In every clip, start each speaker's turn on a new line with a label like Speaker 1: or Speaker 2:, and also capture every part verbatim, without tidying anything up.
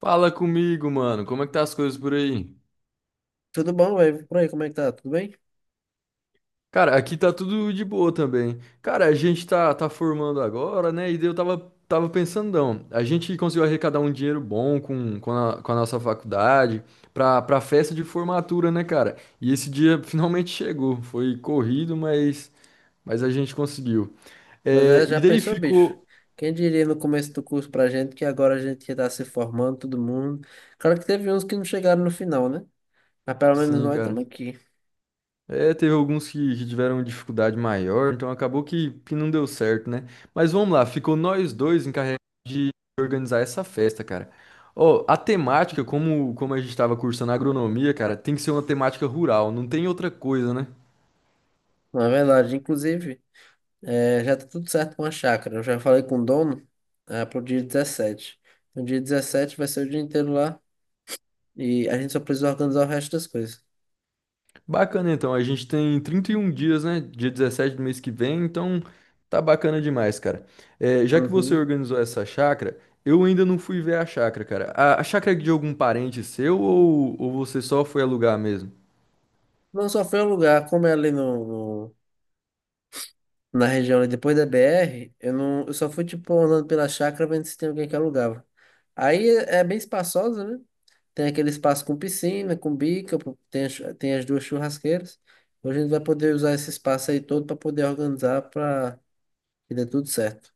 Speaker 1: Fala comigo, mano. Como é que tá as coisas por aí?
Speaker 2: Tudo bom, velho? Por aí, como é que tá? Tudo bem?
Speaker 1: Cara, aqui tá tudo de boa também. Cara, a gente tá, tá formando agora, né? E daí eu tava, tava pensando, não, a gente conseguiu arrecadar um dinheiro bom com, com a, com a nossa faculdade pra, pra festa de formatura, né, cara? E esse dia finalmente chegou. Foi corrido, mas, mas a gente conseguiu.
Speaker 2: Pois
Speaker 1: É,
Speaker 2: é, já
Speaker 1: e daí
Speaker 2: pensou, bicho?
Speaker 1: ficou.
Speaker 2: Quem diria no começo do curso pra gente que agora a gente ia estar se formando, todo mundo. Claro que teve uns que não chegaram no final, né? Mas pelo menos
Speaker 1: Sim,
Speaker 2: nós estamos
Speaker 1: cara.
Speaker 2: aqui.
Speaker 1: É, teve alguns que, que tiveram dificuldade maior, então acabou que, que não deu certo, né? Mas vamos lá, ficou nós dois encarregados de organizar essa festa, cara. Ó, a temática, como, como a gente estava cursando agronomia, cara, tem que ser uma temática rural, não tem outra coisa, né?
Speaker 2: Na verdade, inclusive, eh, já tá tudo certo com a chácara. Eu já falei com o dono, ah, pro dia dezessete. No dia dezessete vai ser o dia inteiro lá e a gente só precisa organizar o resto das coisas.
Speaker 1: Bacana, então, a gente tem trinta e um dias, né? Dia dezessete do mês que vem, então tá bacana demais, cara. É, já que você
Speaker 2: Uhum.
Speaker 1: organizou essa chácara, eu ainda não fui ver a chácara, cara. A, a chácara é de algum parente seu ou, ou você só foi alugar mesmo?
Speaker 2: Não só foi o lugar, como é ali no, na região ali, depois da B R, eu não, eu só fui tipo andando pela chácara vendo se tem alguém que alugava. Aí é é bem espaçosa, né? Tem aquele espaço com piscina, com bica, pro- tem, a chu- tem as duas churrasqueiras. Hoje a gente vai poder usar esse espaço aí todo para poder organizar para que dê tudo certo.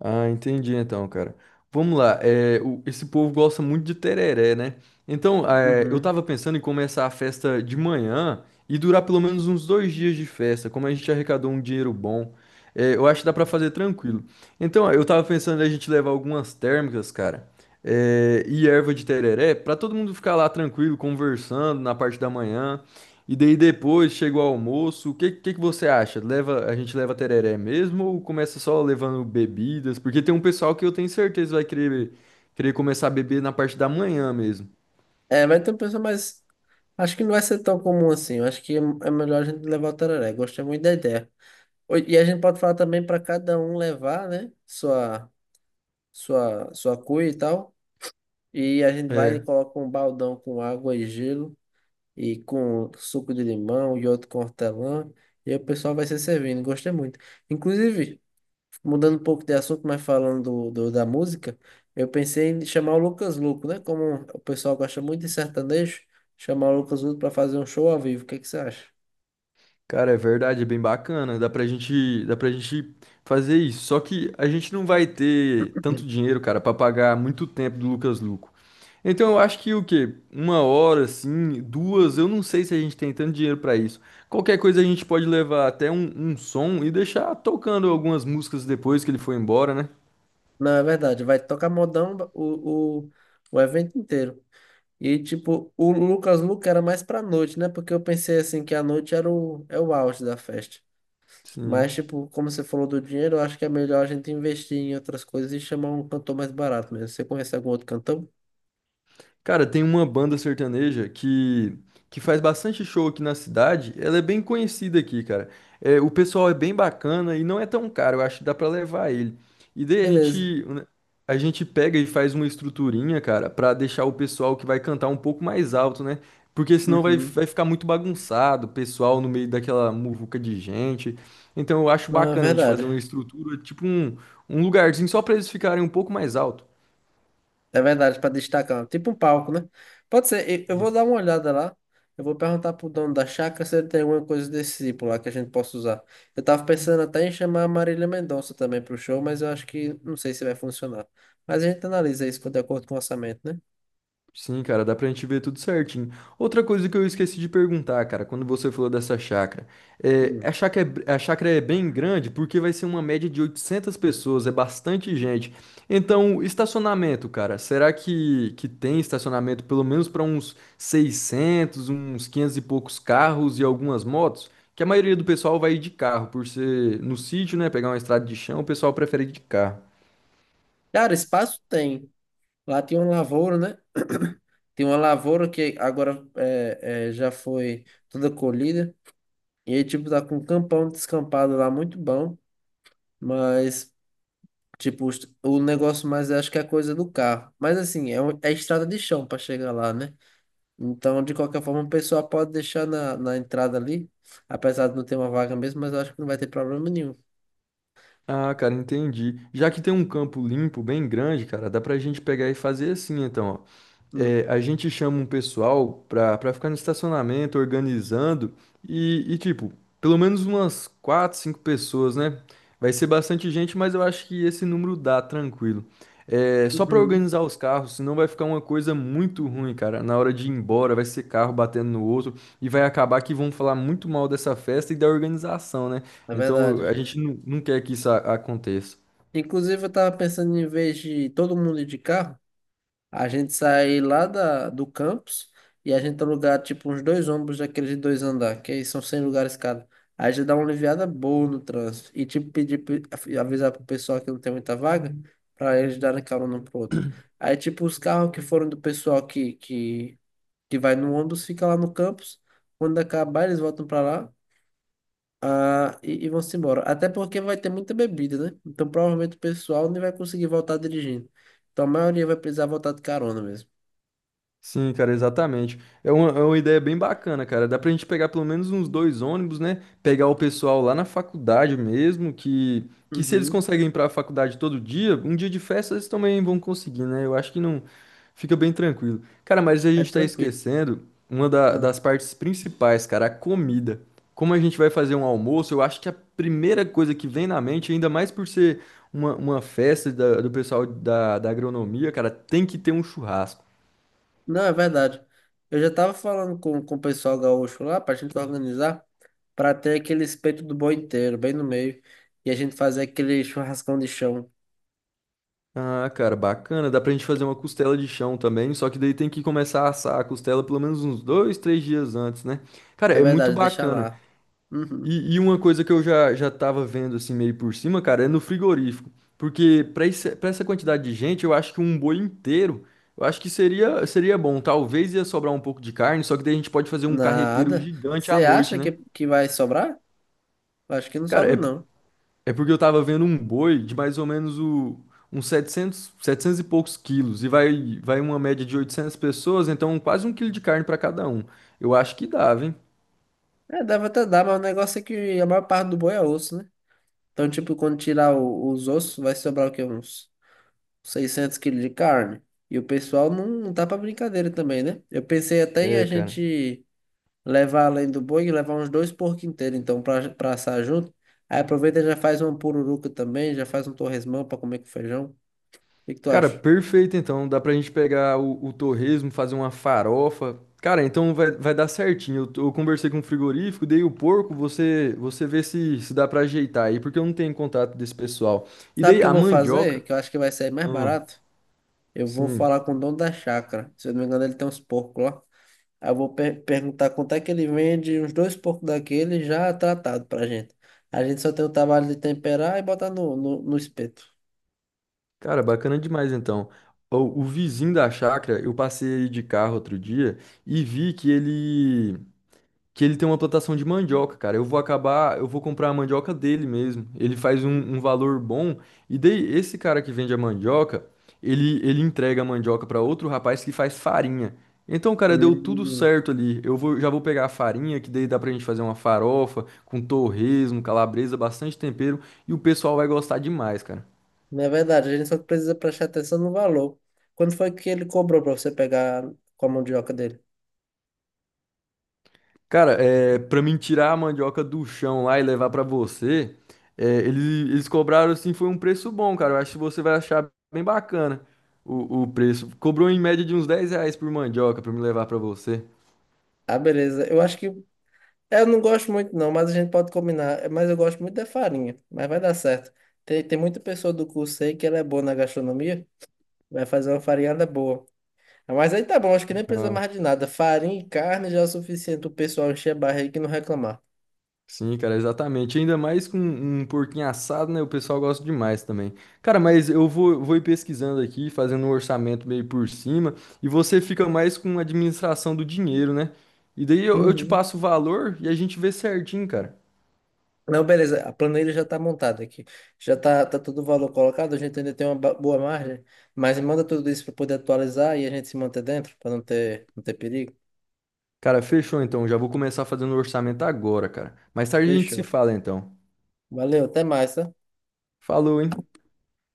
Speaker 1: Ah, entendi então, cara. Vamos lá, é, o- esse povo gosta muito de tereré, né? Então, é, eu
Speaker 2: Uhum.
Speaker 1: tava pensando em começar a festa de manhã e durar pelo menos uns dois dias de festa, como a gente arrecadou um dinheiro bom. É, eu acho que dá pra fazer tranquilo. Então, eu tava pensando em a gente levar algumas térmicas, cara, é, e erva de tereré, pra todo mundo ficar lá tranquilo, conversando na parte da manhã. E daí depois chega o almoço, o que, que que você acha? Leva, a gente leva tereré mesmo ou começa só levando bebidas? Porque tem um pessoal que eu tenho certeza vai querer, querer começar a beber na parte da manhã mesmo.
Speaker 2: É, vai ter um pessoal, mas acho que não vai ser tão comum assim. Eu acho que é é melhor a gente levar o tereré. Gostei muito da ideia. Oi, e a gente pode falar também para cada um levar, né? Sua, sua, sua cuia e tal. E a gente vai e
Speaker 1: É.
Speaker 2: coloca um baldão com água e gelo, e com suco de limão e outro com hortelã, e aí o pessoal vai se servindo. Gostei muito. Inclusive, mudando um pouco de assunto, mas falando do, do- da música, eu pensei em chamar o Lucas Luco, né? Como o pessoal gosta muito de sertanejo, chamar o Lucas Luco para fazer um show ao vivo. O que é que você acha?
Speaker 1: Cara, é verdade, é bem bacana. Dá pra gente, dá pra gente fazer isso. Só que a gente não vai ter tanto dinheiro, cara, pra pagar muito tempo do Lucas Luco. Então eu acho que o quê? Uma hora, assim, duas, eu não sei se a gente tem tanto dinheiro pra isso. Qualquer coisa a gente pode levar até um, um som e deixar tocando algumas músicas depois que ele for embora, né?
Speaker 2: Não, é verdade. Vai tocar modão o, o, o evento inteiro. E, tipo, o Lucas Luco era mais pra noite, né? Porque eu pensei, assim, que a noite era o, é o auge da festa. Mas,
Speaker 1: Sim.
Speaker 2: tipo, como você falou do dinheiro, eu acho que é melhor a gente investir em outras coisas e chamar um cantor mais barato mesmo. Você conhece algum outro cantor?
Speaker 1: Cara, tem uma banda sertaneja que, que faz bastante show aqui na cidade. Ela é bem conhecida aqui, cara. É, o pessoal é bem bacana e não é tão caro. Eu acho que dá pra levar ele. E daí a
Speaker 2: Beleza.
Speaker 1: gente, a gente pega e faz uma estruturinha, cara, pra deixar o pessoal que vai cantar um pouco mais alto, né? Porque senão vai,
Speaker 2: Uhum.
Speaker 1: vai ficar muito bagunçado, o pessoal no meio daquela muvuca de gente. Então eu acho
Speaker 2: Não, é
Speaker 1: bacana a gente
Speaker 2: verdade.
Speaker 1: fazer uma estrutura, tipo um, um lugarzinho só pra eles ficarem um pouco mais alto.
Speaker 2: É verdade, para destacar. Tipo um palco, né? Pode ser. Eu eu vou dar
Speaker 1: Isso.
Speaker 2: uma olhada lá. Eu vou perguntar pro dono da chácara se ele tem alguma coisa desse tipo lá que a gente possa usar. Eu tava pensando até em chamar a Marília Mendonça também pro show, mas eu acho que não sei se vai funcionar. Mas a gente analisa isso de acordo com o orçamento, né?
Speaker 1: Sim, cara, dá pra gente ver tudo certinho. Outra coisa que eu esqueci de perguntar, cara, quando você falou dessa chácara, é,
Speaker 2: Hum.
Speaker 1: a chácara é, a chácara é bem grande porque vai ser uma média de oitocentas pessoas, é bastante gente. Então, estacionamento, cara, será que, que tem estacionamento pelo menos para uns seiscentos uns quinhentos e poucos carros e algumas motos? Que a maioria do pessoal vai de carro, por ser no sítio, né, pegar uma estrada de chão, o pessoal prefere ir de carro.
Speaker 2: Cara, espaço tem. Lá tem uma lavoura, né? Tem uma lavoura que agora é, é, já foi toda colhida. E aí, tipo, tá com um campão descampado lá muito bom. Mas, tipo, os- o negócio mais acho que é a coisa do carro. Mas assim, é, um- é estrada de chão para chegar lá, né? Então, de qualquer forma, o pessoal pode deixar na, na entrada ali. Apesar de não ter uma vaga mesmo, mas eu acho que não vai ter problema nenhum.
Speaker 1: Ah, cara, entendi. Já que tem um campo limpo bem grande, cara, dá pra gente pegar e fazer assim, então, ó
Speaker 2: Hum.
Speaker 1: é, a gente chama um pessoal pra, pra ficar no estacionamento organizando e, e, tipo, pelo menos umas quatro, cinco pessoas, né? Vai ser bastante gente, mas eu acho que esse número dá tranquilo. É, só pra
Speaker 2: Uhum.
Speaker 1: organizar os carros, senão vai ficar uma coisa muito ruim, cara. Na hora de ir embora, vai ser carro batendo no outro e vai acabar que vão falar muito mal dessa festa e da organização, né?
Speaker 2: É
Speaker 1: Então a
Speaker 2: verdade.
Speaker 1: gente não, não quer que isso a- aconteça.
Speaker 2: Inclusive, eu tava pensando em vez de todo mundo ir de carro. A gente sai lá da, do campus e a gente alugar tipo uns dois ônibus daqueles de dois andar, que aí são cem lugares cada. Aí já dá uma aliviada boa no trânsito. E tipo, pedir, pe- avisar pro pessoal que não tem muita vaga, para eles darem carona um pro outro. Aí tipo, os carros que foram do pessoal que, que, que vai no ônibus fica lá no campus. Quando acabar, eles voltam para lá. Ah, e, e vão-se embora. Até porque vai ter muita bebida, né? Então provavelmente o pessoal nem vai conseguir voltar dirigindo. Então a maioria vai precisar voltar de carona mesmo.
Speaker 1: Sim, cara, exatamente. É uma, é uma ideia bem bacana, cara. Dá pra gente pegar pelo menos uns dois ônibus, né? Pegar o pessoal lá na faculdade mesmo, que, que se eles
Speaker 2: Uhum,
Speaker 1: conseguem ir pra faculdade todo dia, um dia de festa eles também vão conseguir, né? Eu acho que não fica bem tranquilo. Cara, mas a
Speaker 2: é
Speaker 1: gente tá
Speaker 2: tranquilo.
Speaker 1: esquecendo uma da-
Speaker 2: Ah,
Speaker 1: das partes principais, cara, a comida. Como a gente vai fazer um almoço, eu acho que a primeira coisa que vem na mente, ainda mais por ser uma, uma festa da- do pessoal da, da agronomia, cara, tem que ter um churrasco.
Speaker 2: não, é verdade. Eu já tava falando com, com o pessoal gaúcho lá pra gente organizar pra ter aquele espeto do boi inteiro, bem no meio, e a gente fazer aquele churrascão de chão.
Speaker 1: Ah, cara, bacana. Dá pra gente fazer uma costela de chão também, só que daí tem que começar a assar a costela pelo menos uns dois, três dias antes, né? Cara,
Speaker 2: É
Speaker 1: é muito
Speaker 2: verdade, deixa
Speaker 1: bacana.
Speaker 2: lá. Uhum.
Speaker 1: E, e uma coisa que eu já, já tava vendo assim meio por cima, cara, é no frigorífico. Porque pra esse, pra essa quantidade de gente, eu acho que um boi inteiro, eu acho que seria, seria bom. Talvez ia sobrar um pouco de carne, só que daí a gente pode fazer um carreteiro
Speaker 2: Nada.
Speaker 1: gigante à
Speaker 2: Você
Speaker 1: noite,
Speaker 2: acha que,
Speaker 1: né?
Speaker 2: que vai sobrar? Acho que não
Speaker 1: Cara,
Speaker 2: sobra,
Speaker 1: é,
Speaker 2: não.
Speaker 1: É porque eu tava vendo um boi de mais ou menos o, uns setecentos 700 e poucos quilos. E vai, vai uma média de oitocentas pessoas, então quase um quilo de carne pra cada um. Eu acho que dava, hein?
Speaker 2: É, deve até dar, mas o negócio é que a maior parte do boi é osso, né? Então, tipo, quando tirar o- os ossos, vai sobrar o quê? Uns seiscentos quilos de carne. E o pessoal não, não tá pra brincadeira também, né? Eu pensei até em a
Speaker 1: É, cara.
Speaker 2: gente levar além do boi e levar uns dois porcos inteiros, então, pra, pra assar junto. Aí aproveita e já faz uma pururuca também, já faz um torresmão pra comer com feijão. O que que tu
Speaker 1: Cara,
Speaker 2: acha?
Speaker 1: perfeito então. Dá pra gente pegar o, o torresmo, fazer uma farofa. Cara, então vai, vai dar certinho. Eu, tô- eu conversei com o frigorífico, dei o porco, você você vê se, se dá pra ajeitar aí, porque eu não tenho contato desse pessoal. E
Speaker 2: Sabe o
Speaker 1: daí
Speaker 2: que eu
Speaker 1: a
Speaker 2: vou fazer?
Speaker 1: mandioca.
Speaker 2: Que eu acho que vai sair mais
Speaker 1: Ah,
Speaker 2: barato. Eu vou
Speaker 1: sim.
Speaker 2: falar com o dono da chácara. Se eu não me engano, ele tem uns porcos lá. Aí eu vou per- perguntar quanto é que ele vende uns dois porcos daquele já tratado pra gente. A gente só tem o trabalho de temperar e botar no, no, no espeto.
Speaker 1: Cara, bacana demais então. O, o vizinho da chácara, eu passei de carro outro dia e vi que ele que ele tem uma plantação de mandioca, cara. Eu vou acabar, eu vou comprar a mandioca dele mesmo. Ele faz um, um valor bom e daí esse cara que vende a mandioca, ele ele entrega a mandioca para outro rapaz que faz farinha. Então, cara, deu tudo
Speaker 2: Hum,
Speaker 1: certo ali. Eu vou, já vou pegar a farinha, que daí dá pra gente fazer uma farofa com torresmo, calabresa, bastante tempero, e o pessoal vai gostar demais, cara.
Speaker 2: não é verdade, a gente só precisa prestar atenção no valor. Quando foi que ele cobrou para você pegar com a mandioca dele?
Speaker 1: Cara, é, pra mim tirar a mandioca do chão lá e levar pra você, é, eles, eles cobraram assim, foi um preço bom, cara. Eu acho que você vai achar bem bacana o, o preço. Cobrou em média de uns dez reais por mandioca pra me levar pra você.
Speaker 2: Ah, beleza. Eu acho que. É, eu não gosto muito, não, mas a gente pode combinar. É, mas eu gosto muito da farinha, mas vai dar certo. Tem, tem muita pessoa do curso aí que ela é boa na gastronomia, vai fazer uma farinhada boa. Ah, mas aí tá bom, acho que nem precisa
Speaker 1: Ah,
Speaker 2: mais de nada. Farinha e carne já é o suficiente o pessoal encher a barriga e não reclamar.
Speaker 1: sim, cara, exatamente. Ainda mais com um porquinho assado, né? O pessoal gosta demais também. Cara, mas eu vou, vou ir pesquisando aqui, fazendo um orçamento meio por cima, e você fica mais com a administração do dinheiro, né? E daí eu, eu te
Speaker 2: Uhum.
Speaker 1: passo o valor e a gente vê certinho, cara.
Speaker 2: Não, beleza, a planilha já está montada aqui. Já está tá tá todo o valor colocado, a gente ainda tem uma ba- boa margem, mas manda tudo isso para poder atualizar e a gente se manter dentro, para não ter, não ter perigo.
Speaker 1: Cara, fechou então. Já vou começar fazendo o orçamento agora, cara. Mais tarde a gente se
Speaker 2: Fechou.
Speaker 1: fala então.
Speaker 2: Valeu, até mais, tá?
Speaker 1: Falou, hein?